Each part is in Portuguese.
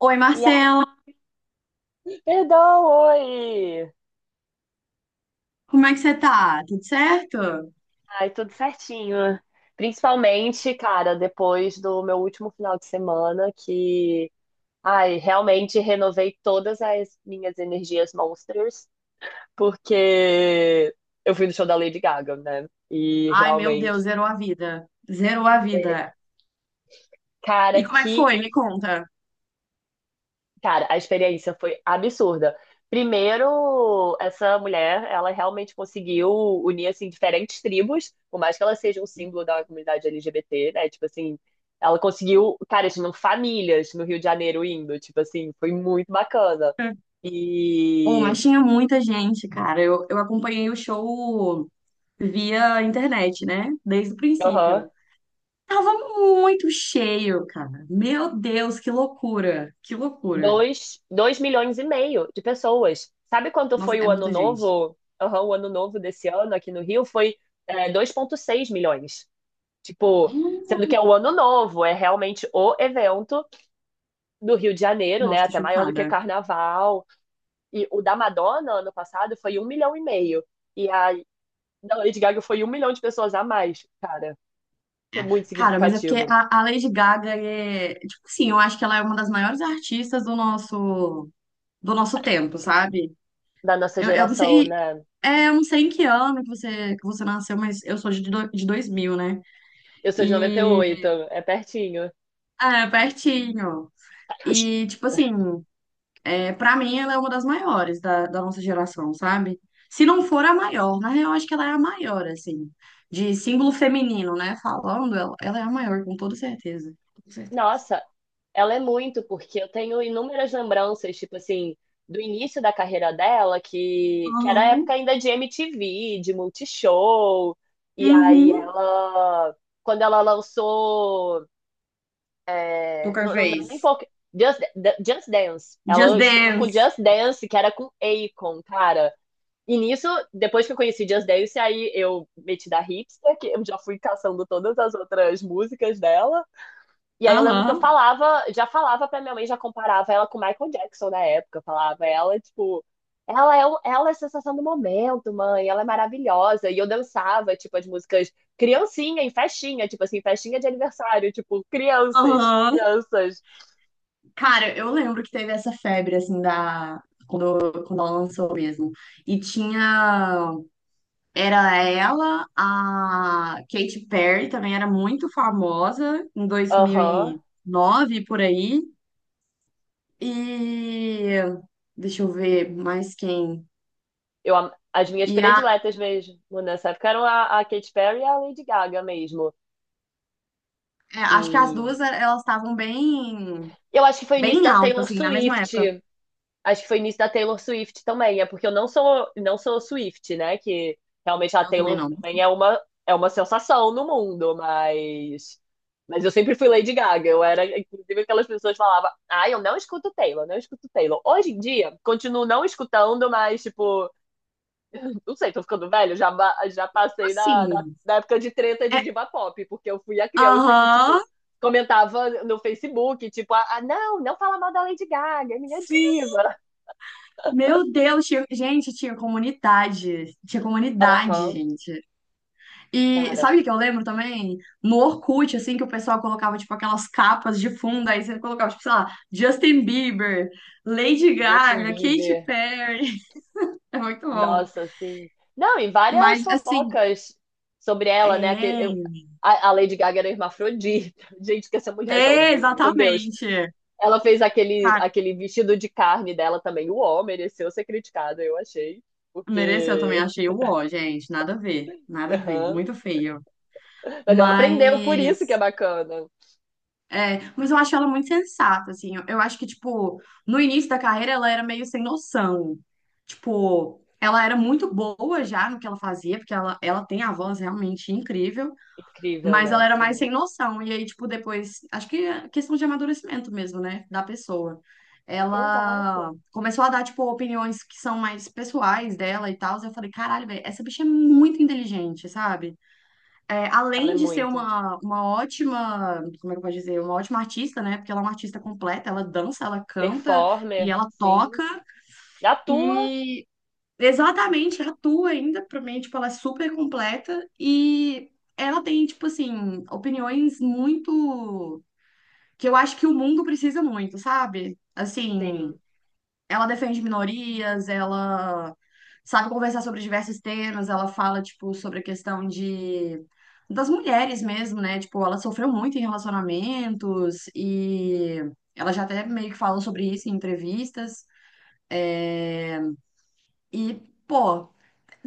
Oi, E aí, Marcela, perdão, oi! como é que você tá? Tudo certo? Ai, tudo certinho. Principalmente, cara, depois do meu último final de semana, que, ai, realmente renovei todas as minhas energias monsters, porque eu fui no show da Lady Gaga, né? E Ai, meu realmente, Deus, zerou a vida. Zerou a vida. E cara. como é que foi? Que Me conta. Cara, a experiência foi absurda. Primeiro, essa mulher, ela realmente conseguiu unir, assim, diferentes tribos, por mais que ela seja um símbolo da comunidade LGBT, né? Tipo assim, ela conseguiu, cara, tinham famílias no Rio de Janeiro indo, tipo assim, foi muito bacana. Oh, E, mas tinha muita gente, cara. Eu acompanhei o show via internet, né? Desde o aham, princípio. Tava muito cheio, cara. Meu Deus, que loucura. Que loucura. dois milhões e meio de pessoas. Sabe quanto Nossa, foi o é ano muita gente. novo? Aham, o ano novo desse ano aqui no Rio foi, 2,6 milhões. Tipo, sendo que é o Ano Novo, é realmente o evento do Rio de Janeiro, né? Nossa, tô Até maior do que chocada. Carnaval. E o da Madonna, ano passado, foi 1,5 milhão. E a da Lady Gaga foi 1 milhão de pessoas a mais, cara. É muito Cara, mas é porque significativo a Lady Gaga é. Tipo assim, eu acho que ela é uma das maiores artistas do nosso. Do nosso tempo, sabe? da nossa Eu não geração, sei, né? Eu não sei em que ano que você nasceu, mas eu sou de 2000, né? Eu sou de noventa e E oito, é pertinho. é, pertinho. E, tipo assim, pra mim ela é uma das maiores da nossa geração, sabe? Se não for a maior, na real, acho que ela é a maior, assim, de símbolo feminino, né? Falando, ela é a maior, com toda certeza. Com certeza. Nossa, ela é muito, porque eu tenho inúmeras lembranças, tipo assim, do início da carreira dela, que era a época Aham. ainda de MTV, de Multishow, e aí Uhum. ela, quando ela lançou, Poker não é nem Face. pouco, Just Dance, ela Just estourou com Dance. Just Dance, que era com Akon, cara. E nisso, depois que eu conheci Just Dance, aí eu meti da hipster, que eu já fui caçando todas as outras músicas dela, e aí eu lembro que eu Aham. falava, já falava pra minha mãe, já comparava ela com o Michael Jackson na época. Eu falava ela, tipo, ela é a sensação do momento, mãe, ela é maravilhosa. E eu dançava, tipo, as músicas criancinha em festinha, tipo assim, festinha de aniversário, tipo, crianças, Aham. crianças. Cara, eu lembro que teve essa febre, assim, da... Quando ela lançou mesmo. E tinha... Era ela, a Katy Perry também era muito famosa em Aham. 2009, por aí. E... Deixa eu ver mais quem. As minhas E a... prediletas mesmo né, nessa época eram a Katy Perry e a Lady Gaga mesmo. Acho que as E duas, elas estavam bem... eu acho que foi o início Bem da altas, Taylor assim, na mesma época. Swift. Acho que foi nisso da Taylor Swift também. É porque eu não sou Swift, né? Que realmente a Ela também Taylor não. também é uma sensação no mundo, mas. Mas eu sempre fui Lady Gaga. Eu era, inclusive, aquelas pessoas que falavam: ah, eu não escuto Taylor, não escuto Taylor. Hoje em dia, continuo não escutando, mas, tipo, não sei, tô ficando velho. Já passei da, da, Assim... da época de treta de É... diva pop, porque eu fui a criança que, Aham... tipo, comentava no Facebook, tipo, ah, não, não fala mal da Lady Gaga, é minha diva. Meu Deus, tinha- gente, tinha comunidade. Tinha comunidade, Aham. gente. E Cara, sabe o que eu lembro também? No Orkut, assim, que o pessoal colocava, tipo, aquelas capas de fundo, aí você colocava, tipo, sei lá, Justin Bieber, Lady Justin Gaga, Katy Bieber, Perry. É muito bom. nossa, assim. Não, e várias Mas, assim, fofocas sobre ela, né? Que eu- é. a, a Lady Gaga era hermafrodita. Gente, que essa mulher já É, ouviu, meu Deus. exatamente. Ela fez aquele, Cara, vestido de carne dela também. O homem mereceu ser criticado, eu achei. mereceu também, Porque. achei o ó, gente. Nada a ver, nada a ver. Aham. Muito feio. Mas ela aprendeu, por isso que é Mas. bacana. É, mas eu acho ela muito sensata, assim. Eu acho que, tipo, no início da carreira ela era meio sem noção. Tipo, ela era muito boa já no que ela fazia, porque ela tem a voz realmente incrível, Incrível, mas né? ela era mais Sim. sem noção. E aí, tipo, depois, acho que é questão de amadurecimento mesmo, né, da pessoa. Ela Exato. começou a dar, tipo, opiniões que são mais pessoais dela e tal. Eu falei, caralho, velho, essa bicha é muito inteligente, sabe? Ela é Além de ser muito. Uma ótima, como é que eu posso dizer, uma ótima artista, né? Porque ela é uma artista completa, ela dança, ela canta e Performer, ela sim. toca Atua, e exatamente atua ainda, pra mim, tipo, ela é super completa e ela tem, tipo assim, opiniões muito que eu acho que o mundo precisa muito, sabe? Assim, sim. ela defende minorias, ela sabe conversar sobre diversos temas, ela fala, tipo, sobre a questão de das mulheres mesmo, né? Tipo, ela sofreu muito em relacionamentos e ela já até meio que falou sobre isso em entrevistas. E, pô,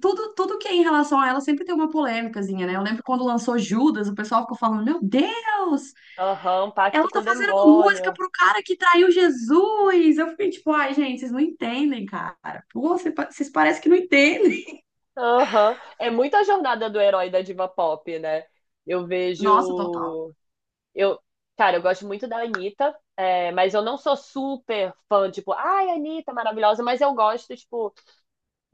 tudo que é em relação a ela sempre tem uma polêmicazinha, né? Eu lembro quando lançou Judas, o pessoal ficou falando, meu Deus! Aham, um pacto Ela com tá o fazendo uma música demônio. pro cara que traiu Jesus. Eu fiquei tipo, ai, gente, vocês não entendem, cara. Pô, vocês parecem que não entendem. Aham. É muita jornada do herói da diva pop, né? Eu Nossa, total. vejo. Eu... Cara, eu gosto muito da Anitta, mas eu não sou super fã, tipo, ai, Anitta, maravilhosa, mas eu gosto, tipo,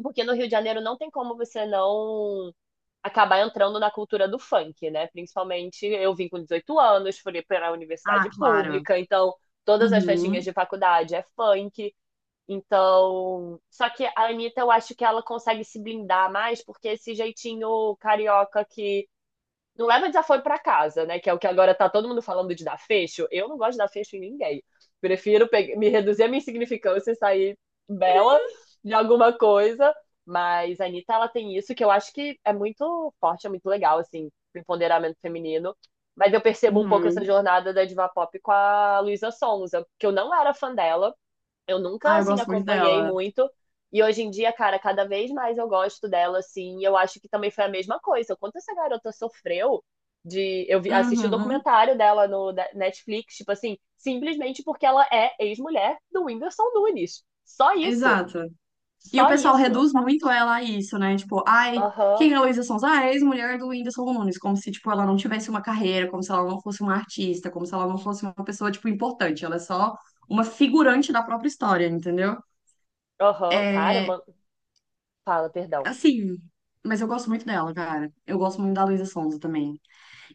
porque no Rio de Janeiro não tem como você não acabar entrando na cultura do funk, né? Principalmente eu vim com 18 anos, fui para a Ah, universidade claro. pública, então todas as festinhas Uhum, de faculdade é funk. Então, só que a Anitta, eu acho que ela consegue se blindar mais, porque esse jeitinho carioca que não leva desaforo pra casa, né? Que é o que agora tá todo mundo falando de dar fecho. Eu não gosto de dar fecho em ninguém. Prefiro me reduzir a minha insignificância e sair bela de alguma coisa. Mas a Anitta, ela tem isso que eu acho que é muito forte, é muito legal, assim, pro empoderamento feminino. Mas eu percebo um pouco essa uhum. jornada da diva pop com a Luísa Sonza, que eu não era fã dela. Eu nunca, Ah, eu assim, gosto muito acompanhei dela. muito. E hoje em dia, cara, cada vez mais eu gosto dela, assim. E eu acho que também foi a mesma coisa. O quanto essa garota sofreu de. Assisti o Uhum, documentário dela no Netflix, tipo assim, simplesmente porque ela é ex-mulher do Whindersson Nunes. Só isso. exato. E o Só pessoal isso. reduz muito ela a isso, né? Tipo, ai, Aham. quem é a Luísa Sonza? Ah, é a ex-mulher do Whindersson Nunes. Como se, tipo, ela não tivesse uma carreira, como se ela não fosse uma artista, como se ela não fosse uma pessoa, tipo, importante. Ela é só uma figurante da própria história, entendeu? Aham. Cara, É, mano. Fala, perdão. assim, mas eu gosto muito dela, cara. Eu gosto muito da Luísa Sonza também.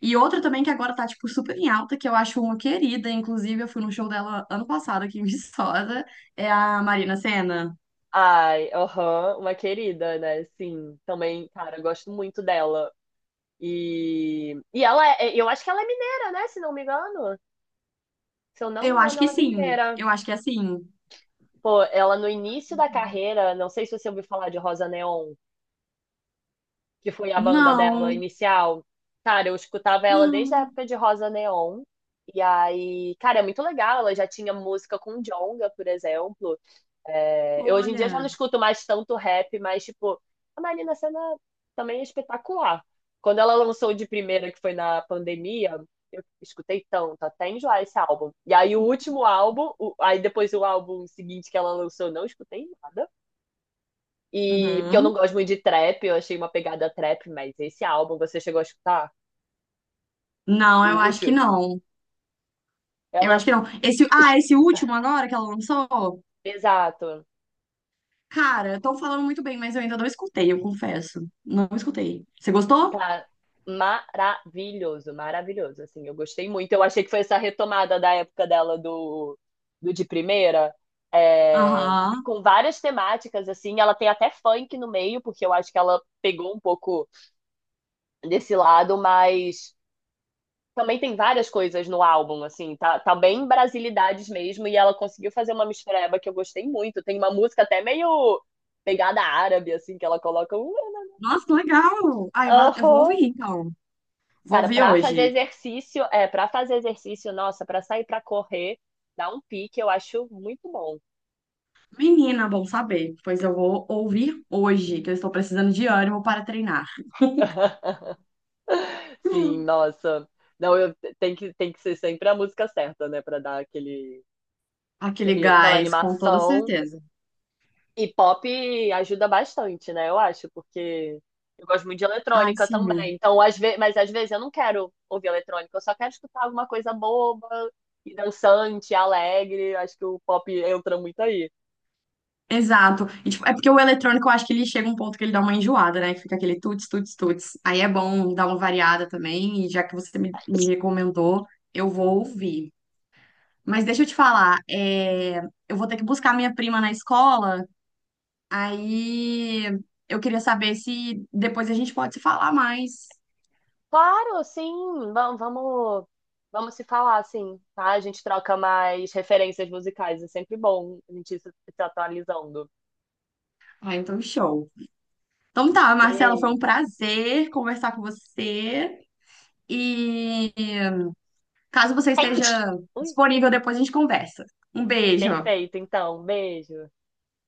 E outra também que agora tá, tipo, super em alta, que eu acho uma querida, inclusive eu fui no show dela ano passado aqui em Viçosa, é a Marina Sena. Ai, aham. Uma querida, né? Sim. Também, cara, eu gosto muito dela. E eu acho que ela é mineira, né? Se não me engano. Se eu não me Eu acho engano, que ela é sim. mineira. Eu acho que é assim. Pô, ela no início da carreira, não sei se você ouviu falar de Rosa Neon, que foi a banda Não, dela inicial. Cara, eu escutava ela desde a não, época de Rosa Neon. E aí, cara, é muito legal. Ela já tinha música com Djonga, por exemplo. É, eu hoje em dia já não olha. escuto mais tanto rap, mas, tipo, a Marina Sena também é espetacular. Quando ela lançou o de primeira, que foi na pandemia, eu escutei tanto, até enjoar esse álbum. E aí o último álbum, aí depois o álbum seguinte que ela lançou, eu não escutei nada. E porque eu não Uhum. gosto muito de trap, eu achei uma pegada trap, mas esse álbum você chegou a escutar? Não, O eu acho que último? não. Eu acho Ela, que não. Esse, ah, esse último agora que ela lançou? Exato. Cara, estão falando muito bem, mas eu ainda não escutei, eu confesso. Não escutei. Você gostou? Cara, maravilhoso, maravilhoso. Assim, eu gostei muito. Eu achei que foi essa retomada da época dela do, de primeira. E Aham. com várias temáticas, assim, ela tem até funk no meio, porque eu acho que ela pegou um pouco desse lado, mas também tem várias coisas no álbum, assim, tá bem brasilidades mesmo, e ela conseguiu fazer uma mistureba que eu gostei muito. Tem uma música até meio pegada árabe, assim, que ela coloca Nossa, que legal! Ah, eu vou um ouvir então. Vou Cara, ouvir pra fazer hoje. exercício, para fazer exercício, nossa, pra sair pra correr, dar um pique, eu acho muito bom. Menina, bom saber. Pois eu vou ouvir hoje, que eu estou precisando de ânimo para treinar. Sim, nossa. Não, eu tem que ser sempre a música certa, né, pra dar aquele, Aquele aquela gás, com toda animação. certeza. E pop ajuda bastante, né? Eu acho, porque eu gosto muito de Ai, eletrônica também. sim. Então, às vezes, mas às vezes eu não quero ouvir eletrônica, eu só quero escutar alguma coisa boba e dançante, alegre. Acho que o pop entra muito aí. Exato. E, tipo, é porque o eletrônico, eu acho que ele chega um ponto que ele dá uma enjoada, né? Que fica aquele tuts, tuts, tuts. Aí é bom dar uma variada também. E já que você me recomendou, eu vou ouvir. Mas deixa eu te falar, é, eu vou ter que buscar minha prima na escola. Aí eu queria saber se depois a gente pode se falar mais. Claro, sim, vamos, vamos, vamos se falar, sim, tá? A gente troca mais referências musicais, é sempre bom a gente ir se atualizando. Ah, então show. Então tá, Marcela, foi um Beijo. prazer conversar com você. E caso você esteja Ui, disponível, depois a gente conversa. Um beijo. perfeito, então, beijo.